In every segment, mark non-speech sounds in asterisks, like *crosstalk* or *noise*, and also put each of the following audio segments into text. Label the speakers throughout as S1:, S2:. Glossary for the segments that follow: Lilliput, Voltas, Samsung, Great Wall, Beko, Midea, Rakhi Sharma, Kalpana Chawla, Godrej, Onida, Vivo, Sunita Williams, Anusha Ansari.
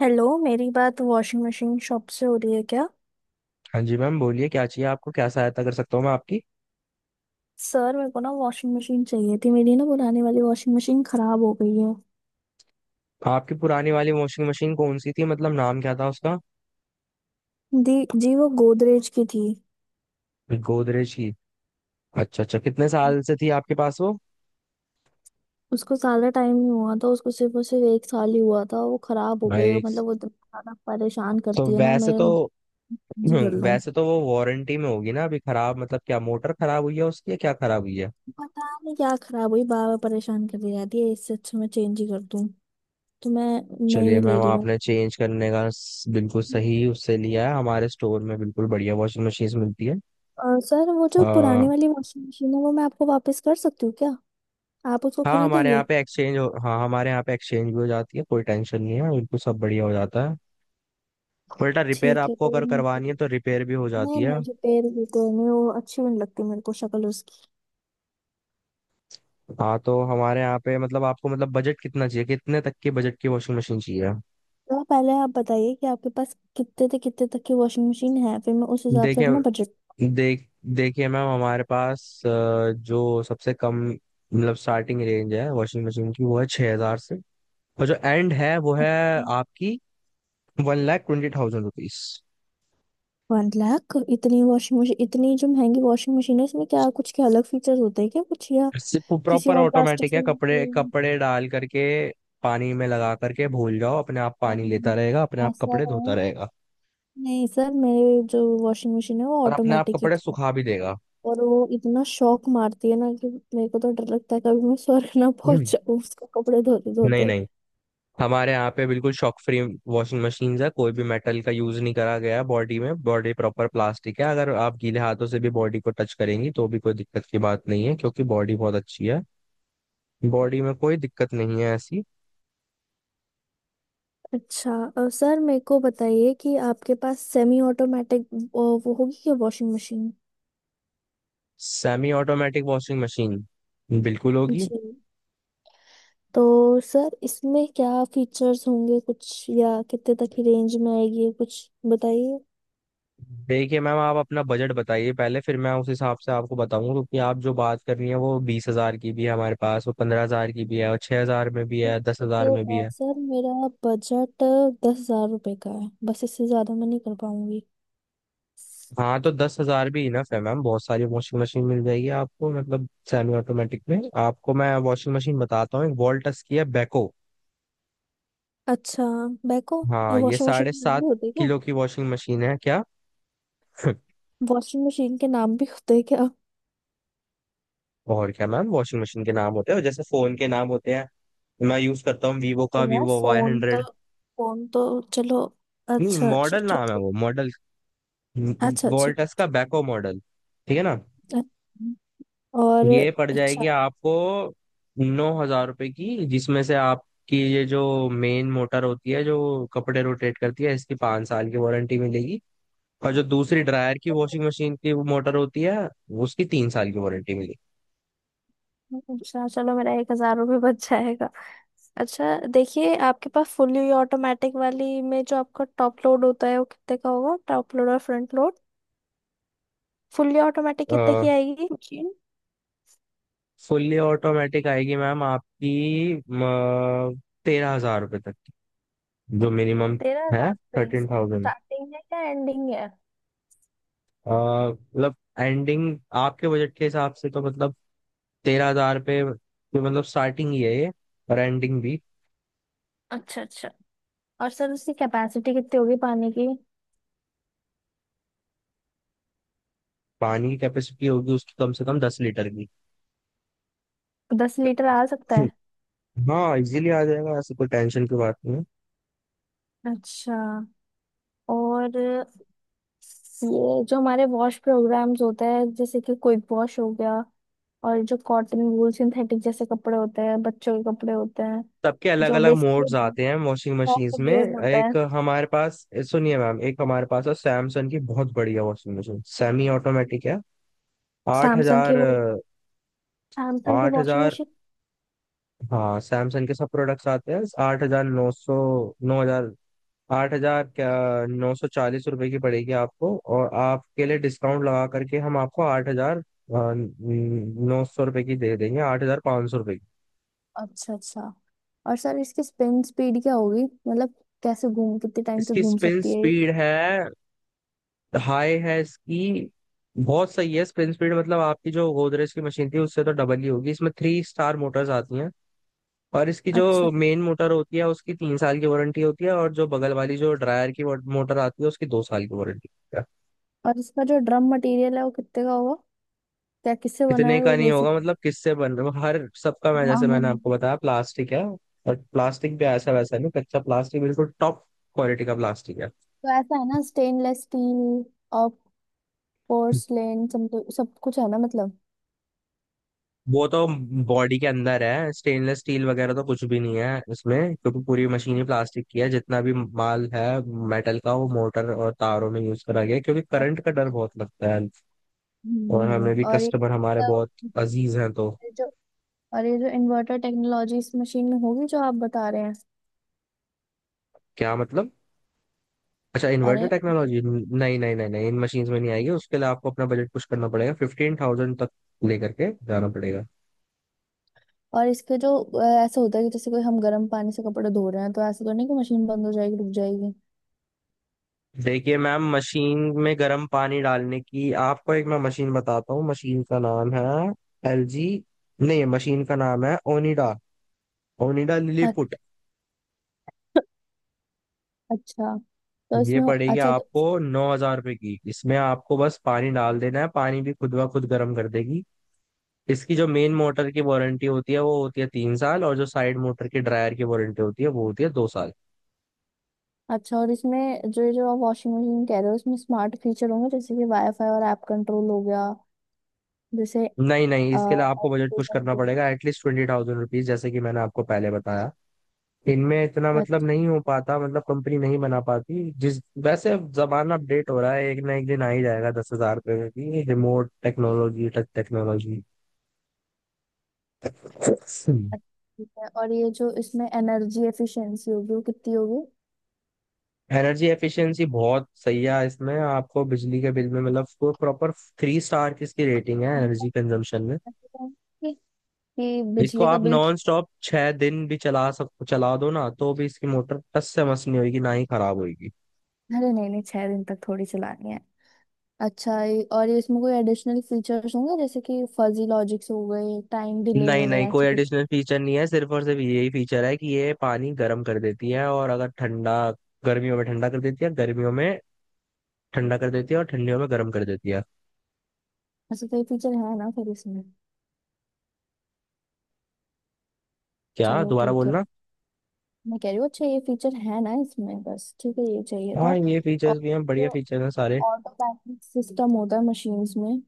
S1: Hello, मेरी बात washing machine shop से हो रही है क्या।
S2: हाँ जी मैम बोलिए क्या चाहिए आपको। क्या सहायता कर सकता हूँ मैं आपकी
S1: सर मेरे को ना वॉशिंग मशीन चाहिए थी, मेरी ना पुरानी वाली वॉशिंग मशीन खराब हो गई है।
S2: आपकी पुरानी वाली वॉशिंग मशीन कौन सी थी मतलब नाम क्या था उसका।
S1: दी जी वो गोदरेज की थी।
S2: गोदरेज की। अच्छा अच्छा, कितने साल से थी आपके पास वो।
S1: उसको ज्यादा टाइम नहीं हुआ था, उसको सिर्फ और सिर्फ 1 साल ही हुआ था। वो खराब हो गई है,
S2: भाई,
S1: मतलब वो इतना ज्यादा परेशान
S2: तो
S1: करती है ना।
S2: वैसे
S1: मैं
S2: तो
S1: जी कर
S2: *clears throat*
S1: लूँ,
S2: वैसे तो वो वारंटी में होगी ना अभी। खराब मतलब क्या मोटर खराब हुई है उसकी या क्या खराब हुई है।
S1: पता नहीं क्या खराब हुई, बार बार परेशान करती जाती है। इससे अच्छा मैं चेंज ही कर दूँ, तो मैं
S2: चलिए
S1: नहीं ले
S2: मैम
S1: रही हूँ।
S2: आपने चेंज करने का बिल्कुल सही उससे लिया है। हमारे स्टोर में बिल्कुल बढ़िया वॉशिंग मशीन मिलती है।
S1: और सर वो जो
S2: आ,
S1: पुरानी वाली वॉशिंग मशीन है वो मैं आपको वापस कर सकती हूँ क्या, आप उसको
S2: हाँ, हमारे
S1: खरीदेंगे।
S2: यहाँ पे एक्सचेंज हो हाँ हमारे यहाँ पे एक्सचेंज भी हो जाती है, कोई टेंशन नहीं है, बिल्कुल सब बढ़िया हो जाता है। बेटा रिपेयर
S1: ठीक है
S2: आपको
S1: तो।
S2: अगर करवानी है तो रिपेयर भी हो जाती
S1: नहीं
S2: है।
S1: नहीं, जो पेड़ होते हैं नहीं, वो अच्छी भी नहीं लगती, मेरे को शक्ल उसकी।
S2: हाँ तो हमारे यहाँ पे मतलब आपको मतलब बजट कितना चाहिए, कितने तक के बजट की वॉशिंग मशीन चाहिए।
S1: तो आप पहले आप बताइए कि आपके पास कितने से कितने तक की वॉशिंग मशीन है, फिर मैं उस हिसाब से अपना
S2: देखिए
S1: बजट।
S2: देख देखिए मैम, हमारे पास जो सबसे कम मतलब स्टार्टिंग रेंज है वॉशिंग मशीन की वो है 6,000 से, और जो एंड है वो है आपकी 1,20,000 रुपीज।
S1: 1 लाख, इतनी वॉशिंग मशीन, इतनी जो महंगी वॉशिंग मशीन है इसमें क्या कुछ के अलग फीचर्स होते हैं क्या कुछ या
S2: सिर्फ
S1: किसी
S2: प्रॉपर
S1: और प्लास्टिक
S2: ऑटोमेटिक
S1: से।
S2: है, कपड़े कपड़े डाल करके पानी में लगा करके भूल जाओ, अपने आप पानी
S1: नहीं,
S2: लेता रहेगा, अपने आप
S1: ऐसा
S2: कपड़े धोता
S1: है।
S2: रहेगा
S1: नहीं सर, मेरे जो वॉशिंग मशीन है वो
S2: और अपने आप
S1: ऑटोमेटिक ही
S2: कपड़े
S1: थी।
S2: सुखा भी देगा।
S1: और वो इतना शौक मारती है ना कि मेरे को तो डर लगता है कभी मैं स्वर्ग ना
S2: हम्म।
S1: पहुंच जाऊं उसको कपड़े धोते
S2: नहीं
S1: धोते।
S2: नहीं, हमारे यहाँ पे बिल्कुल शॉक फ्री वॉशिंग मशीन है। कोई भी मेटल का यूज नहीं करा गया है बॉडी में, बॉडी प्रॉपर प्लास्टिक है। अगर आप गीले हाथों से भी बॉडी को टच करेंगी तो भी कोई दिक्कत की बात नहीं है क्योंकि बॉडी बहुत अच्छी है, बॉडी में कोई दिक्कत नहीं है ऐसी।
S1: अच्छा सर मेरे को बताइए कि आपके पास सेमी ऑटोमेटिक, वो होगी क्या washing machine.
S2: Semi automatic washing machine बिल्कुल होगी।
S1: जी, तो सर इसमें क्या फीचर्स होंगे कुछ, या कितने तक की रेंज में आएगी ये कुछ बताइए।
S2: देखिए मैम आप अपना बजट बताइए पहले, फिर मैं उस हिसाब से आपको बताऊंगा क्योंकि आप जो बात कर रही हैं वो बीस हजार की भी है हमारे पास, वो पंद्रह हजार की भी है, और छह हजार में भी
S1: तो
S2: है, दस
S1: देखिए,
S2: हजार में भी है।
S1: सर मेरा बजट 10 हजार रुपये का है, बस इससे ज़्यादा मैं नहीं कर पाऊंगी।
S2: हाँ तो दस हजार भी इनफ है मैम, बहुत सारी वॉशिंग मशीन मिल जाएगी आपको। मतलब सेमी ऑटोमेटिक में आपको मैं वॉशिंग मशीन बताता हूँ, एक वॉल्टस की है बेको।
S1: अच्छा। बैको, ये
S2: हाँ ये
S1: वॉशिंग
S2: साढ़े
S1: मशीन
S2: सात
S1: होती है,
S2: किलो की वॉशिंग मशीन है क्या। *laughs*
S1: वॉशिंग मशीन के नाम भी होते हैं क्या।
S2: और क्या मैम, वॉशिंग मशीन के नाम होते हैं, और जैसे फोन के नाम होते हैं। मैं यूज करता हूँ वीवो
S1: ओ
S2: का,
S1: यार,
S2: वीवो वाई
S1: फोन तो
S2: हंड्रेड
S1: फोन तो चलो,
S2: नहीं
S1: अच्छा अच्छा
S2: मॉडल
S1: ठीक
S2: नाम है
S1: है।
S2: वो, मॉडल
S1: अच्छा अच्छा।
S2: वोल्टस का बैको मॉडल, ठीक है ना।
S1: अ- और
S2: ये पड़
S1: अच्छा
S2: जाएगी आपको नौ हजार रुपए की, जिसमें से आपकी ये जो मेन मोटर होती है जो कपड़े रोटेट करती है इसकी पाँच साल की वारंटी मिलेगी, और जो दूसरी ड्रायर की वॉशिंग मशीन की मोटर होती है उसकी तीन साल की वारंटी
S1: अच्छा, चलो मेरा 1 हजार रुपये बच जाएगा। अच्छा देखिए, आपके पास फुली ऑटोमेटिक वाली में जो आपका टॉप लोड होता है वो कितने का होगा, टॉप लोड और फ्रंट लोड, फुली ऑटोमेटिक कितने
S2: मिलेगी।
S1: की आएगी मशीन।
S2: फुल्ली ऑटोमेटिक आएगी मैम आपकी तेरह हजार रुपये तक की जो मिनिमम
S1: तेरह
S2: है,
S1: हजार पे
S2: 13,000।
S1: स्टार्टिंग है क्या एंडिंग है।
S2: मतलब एंडिंग आपके बजट के हिसाब से तो मतलब तेरह हजार पे ये मतलब स्टार्टिंग ही है ये और एंडिंग भी।
S1: अच्छा अच्छा, और सर उसकी कैपेसिटी कितनी होगी पानी की,
S2: पानी की कैपेसिटी होगी उसकी कम से कम दस लीटर की।
S1: 10 लीटर आ सकता है।
S2: हाँ इजीली आ जाएगा, ऐसे कोई टेंशन की बात नहीं है।
S1: अच्छा, और ये जो हमारे वॉश प्रोग्राम्स होता है, जैसे कि क्विक वॉश हो गया, और जो कॉटन वूल सिंथेटिक जैसे कपड़े होते हैं, बच्चों के कपड़े होते हैं,
S2: सबके अलग
S1: जो
S2: अलग मोड्स
S1: बेसिकली
S2: आते हैं वॉशिंग
S1: सॉफ्ट
S2: मशीन्स में।
S1: वेयर होता है।
S2: एक हमारे पास सुनिए मैम, एक हमारे पास है सैमसंग की बहुत बढ़िया वॉशिंग मशीन, सेमी ऑटोमेटिक है। आठ
S1: सैमसंग की
S2: हजार।
S1: वो सैमसंग की
S2: आठ
S1: वॉशिंग
S2: हजार
S1: मशीन।
S2: हाँ, सैमसंग के सब प्रोडक्ट्स आते हैं। आठ हजार नौ सौ, नौ हजार, आठ हजार क्या नौ सौ चालीस रुपए की पड़ेगी आपको, और आपके लिए डिस्काउंट लगा करके हम आपको आठ हजार नौ सौ रुपए की दे देंगे, आठ हजार पाँच सौ रुपए की।
S1: अच्छा अच्छा, और सर इसकी स्पिन स्पीड क्या होगी, मतलब कैसे घूम, कितने टाइम तक
S2: इसकी
S1: घूम
S2: स्पिन
S1: सकती है ये।
S2: स्पीड है हाई है इसकी, बहुत सही है स्पिन स्पीड मतलब आपकी जो गोदरेज की मशीन थी उससे तो डबल ही होगी। इसमें थ्री स्टार मोटर्स आती हैं, और इसकी जो
S1: अच्छा,
S2: मेन मोटर होती है उसकी तीन साल की वारंटी होती है और जो बगल वाली जो ड्रायर की मोटर आती है उसकी दो साल की वारंटी।
S1: और इसका जो ड्रम मटेरियल है वो कितने का होगा, क्या किससे बना
S2: कितने
S1: है
S2: का
S1: वो
S2: नहीं होगा
S1: बेसिक।
S2: मतलब किससे बन रहा है हर सबका, मैं
S1: हाँ
S2: जैसे मैंने आपको बताया प्लास्टिक है और प्लास्टिक भी ऐसा वैसा नहीं, कच्चा प्लास्टिक, बिल्कुल टॉप क्वालिटी का प्लास्टिक है।
S1: तो ऐसा है ना, स्टेनलेस स्टील और पोर्सलेन, सब कुछ है ना मतलब।
S2: वो तो बॉडी के अंदर है, स्टेनलेस स्टील वगैरह तो कुछ भी नहीं है उसमें, क्योंकि पूरी मशीन ही प्लास्टिक की है, जितना भी माल है मेटल का वो मोटर और तारों में यूज करा गया है, क्योंकि करंट
S1: अच्छा।
S2: का डर बहुत लगता है, और हमें भी
S1: और ये
S2: कस्टमर हमारे
S1: तो,
S2: बहुत अजीज हैं तो।
S1: ये जो, और ये जो इन्वर्टर टेक्नोलॉजी इस मशीन में होगी जो आप बता रहे हैं।
S2: क्या मतलब। अच्छा, इन्वर्टर
S1: अरे,
S2: टेक्नोलॉजी नहीं नहीं नहीं नहीं, इन मशीन्स में नहीं आएगी, उसके लिए आपको अपना बजट पुश करना पड़ेगा 15,000 तक लेकर के जाना पड़ेगा।
S1: और इसके जो ऐसा होता है कि जैसे कोई हम गर्म पानी से कपड़े धो रहे हैं तो ऐसा तो नहीं कि मशीन बंद हो जाएगी रुक जाएगी।
S2: देखिए मैम मशीन में गर्म पानी डालने की आपको एक मैं मशीन बताता हूँ, मशीन का नाम है LG, नहीं मशीन का नाम है ओनिडा, ओनिडा लिलीपुट।
S1: अ- अच्छा तो
S2: ये
S1: इसमें,
S2: पड़ेगी
S1: अच्छा तो,
S2: आपको नौ हजार रुपये की, इसमें आपको बस पानी डाल देना है, पानी भी खुद ब खुद गर्म कर देगी। इसकी जो मेन मोटर की वारंटी होती है वो होती है तीन साल, और जो साइड मोटर की ड्रायर की वारंटी होती है वो होती है दो साल।
S1: अच्छा और इसमें जो जो आप वॉशिंग मशीन कह रहे हो उसमें स्मार्ट फीचर होंगे जैसे कि वाईफाई और ऐप कंट्रोल हो गया, जैसे।
S2: नहीं नहीं इसके लिए आपको बजट पुश करना पड़ेगा एटलीस्ट 20,000 रुपीज, जैसे कि मैंने आपको पहले बताया। इनमें इतना मतलब
S1: अच्छा
S2: नहीं हो पाता, मतलब कंपनी नहीं बना पाती जिस वैसे, अब जमाना अपडेट हो रहा है एक ना एक दिन आ ही जाएगा दस हजार रुपये में भी रिमोट टेक्नोलॉजी टच टेक्नोलॉजी।
S1: ठीक है। और ये जो इसमें एनर्जी एफिशिएंसी होगी वो कितनी होगी,
S2: एनर्जी एफिशिएंसी बहुत सही है इसमें, आपको बिजली के बिल में मतलब प्रॉपर थ्री स्टार की इसकी रेटिंग है एनर्जी कंजम्पशन में।
S1: कि कि
S2: इसको
S1: बिजली का
S2: आप
S1: बिल
S2: नॉन स्टॉप छह दिन भी चला दो ना तो भी इसकी मोटर टस से मस नहीं होगी, ना ही खराब होगी।
S1: अरे नहीं नहीं, 6 दिन तक थोड़ी चलानी है। अच्छा और ये इसमें कोई एडिशनल फीचर्स होंगे जैसे कि फजी लॉजिक्स हो गए, टाइम डिले
S2: नहीं नहीं
S1: वगैरह ऐसे
S2: कोई
S1: कुछ,
S2: एडिशनल फीचर नहीं है, सिर्फ और सिर्फ यही फीचर है कि ये पानी गर्म कर देती है, और अगर ठंडा, गर्मियों में ठंडा कर देती है, गर्मियों में ठंडा कर देती है और ठंडियों में गर्म कर देती है।
S1: ऐसे कोई फीचर है ना फिर इसमें।
S2: क्या
S1: चलो
S2: दोबारा
S1: ठीक है,
S2: बोलना।
S1: मैं कह रही हूँ अच्छा ये फीचर है ना इसमें, बस ठीक है, ये चाहिए था।
S2: हाँ ये
S1: और
S2: फीचर्स भी हैं, बढ़िया
S1: जो
S2: फीचर्स हैं सारे।
S1: ऑटोमेटिक सिस्टम होता है मशीन्स में,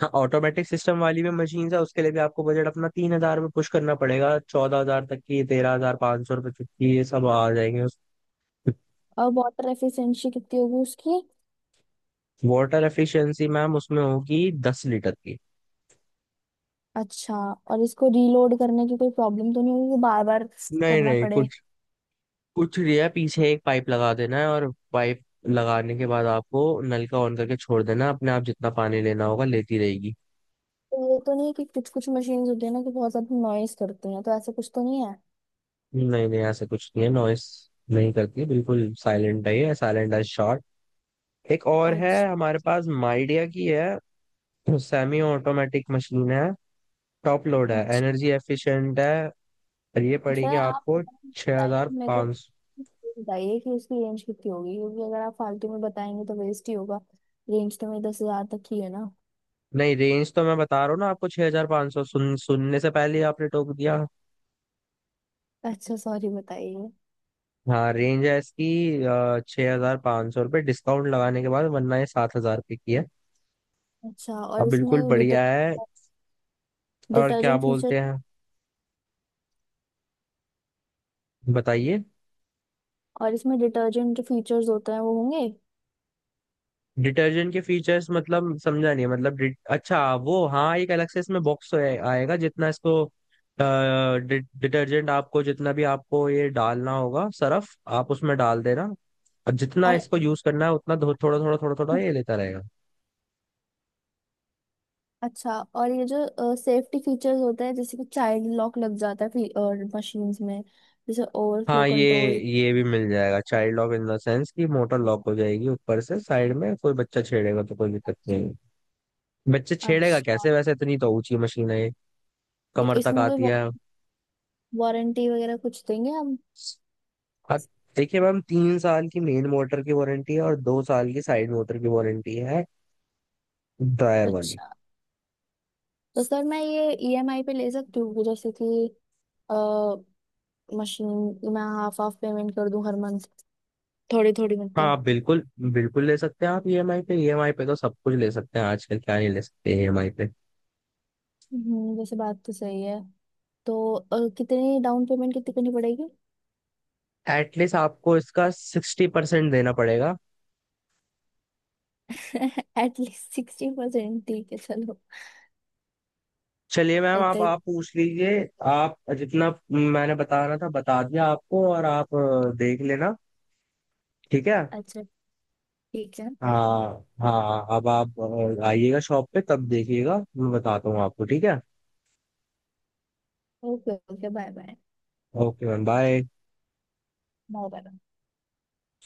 S2: हाँ ऑटोमेटिक सिस्टम वाली भी मशीन है, उसके लिए भी आपको बजट अपना तीन हजार में पुश करना पड़ेगा, चौदह हजार तक की, तेरह हजार पाँच सौ रुपए तक की ये सब आ जाएंगे।
S1: और वाटर एफिशिएंसी कितनी होगी उसकी।
S2: वाटर एफिशिएंसी मैम उसमें होगी दस लीटर की।
S1: अच्छा, और इसको रीलोड करने की कोई प्रॉब्लम तो नहीं होगी कि बार बार
S2: नहीं
S1: करना
S2: नहीं
S1: पड़े।
S2: कुछ कुछ नहीं है, पीछे एक पाइप लगा देना है और पाइप लगाने के बाद आपको नल का ऑन करके छोड़ देना, अपने आप जितना पानी लेना होगा लेती रहेगी।
S1: तो ये तो नहीं है कि कुछ कुछ मशीन्स होती है ना कि बहुत ज्यादा नॉइस करती हैं, तो ऐसा कुछ तो नहीं है।
S2: नहीं नहीं ऐसा कुछ नहीं है, नॉइस नहीं करती, बिल्कुल साइलेंट है ये, साइलेंट एज शॉट। एक और है
S1: अच्छा।
S2: हमारे पास, माइडिया की है, सेमी ऑटोमेटिक मशीन है, टॉप लोड है,
S1: अच्छा
S2: एनर्जी एफिशिएंट है, और ये
S1: सर,
S2: पड़ेगी
S1: आप
S2: आपको
S1: बताइए, मेरे को
S2: 6500, हजार पाँच सौ।
S1: बताइए कि उसकी रेंज कितनी होगी, क्योंकि अगर आप फालतू में बताएंगे तो वेस्ट ही होगा। रेंज तो मेरी 10 हजार तक ही है ना।
S2: नहीं, रेंज तो मैं बता रहा हूँ ना आपको 6500 हजार पाँच सौ, सुनने से पहले ही आपने टोक दिया।
S1: अच्छा सॉरी, बताइए।
S2: हाँ, रेंज है इसकी छः हजार पाँच सौ रुपये डिस्काउंट लगाने के बाद, वरना ये सात हजार रुपये की है,
S1: अच्छा, और
S2: अब बिल्कुल
S1: इसमें
S2: बढ़िया है। और क्या
S1: डिटर्जेंट फीचर,
S2: बोलते हैं, बताइए।
S1: और इसमें डिटर्जेंट फीचर्स होते हैं वो होंगे।
S2: डिटर्जेंट के फीचर्स मतलब समझा नहीं मतलब, अच्छा वो हाँ, एक अलग से इसमें बॉक्स आएगा जितना इसको डिटर्जेंट आपको जितना भी आपको ये डालना होगा, सरफ आप उसमें डाल देना, और जितना
S1: और
S2: इसको यूज करना है उतना थोड़ा थोड़ा थोड़ा थोड़ा ये लेता रहेगा।
S1: अच्छा, और ये जो सेफ्टी फीचर्स होते हैं जैसे कि चाइल्ड लॉक लग जाता है, और मशीन्स में जैसे ओवरफ्लो
S2: हाँ
S1: कंट्रोल।
S2: ये भी मिल जाएगा child lock, in the sense कि मोटर लॉक हो जाएगी ऊपर से, साइड में कोई बच्चा छेड़ेगा तो कोई दिक्कत नहीं। बच्चे छेड़ेगा
S1: अच्छा
S2: कैसे, वैसे इतनी तो ऊंची मशीन है ये,
S1: तो
S2: कमर तक
S1: इसमें कोई
S2: आती है।
S1: वारंटी वगैरह कुछ देंगे हम।
S2: हाँ, देखिए मैम तीन साल की मेन मोटर की वारंटी है और दो साल की साइड मोटर की वारंटी है, ड्रायर वाली।
S1: अच्छा तो सर मैं ये ईएमआई पे ले सकती हूँ जैसे कि अ, मशीन, मैं हाफ हाफ पेमेंट कर दूं हर मंथ, थोड़ी थोड़ी
S2: हाँ आप
S1: मतलब।
S2: बिल्कुल, बिल्कुल ले सकते हैं आप EMI पे, EMI पे तो सब कुछ ले सकते हैं आजकल, क्या नहीं ले सकते ईएमआई पे।
S1: हम्म, वैसे बात तो सही है। तो कितनी डाउन पेमेंट कितनी करनी पड़ेगी।
S2: एटलीस्ट आपको इसका 60% देना पड़ेगा।
S1: *laughs* एटलीस्ट 60%, ठीक है चलो।
S2: चलिए मैम,
S1: इतना ही-
S2: आप पूछ लीजिए, आप जितना मैंने बता रहा था बता दिया आपको और आप देख लेना ठीक है।
S1: अच्छा ठीक है,
S2: हाँ हाँ अब आप आइएगा शॉप पे तब देखिएगा, मैं बताता हूँ आपको ठीक है।
S1: Okay okay bye bye,
S2: okay ma'am bye.
S1: Bye bye.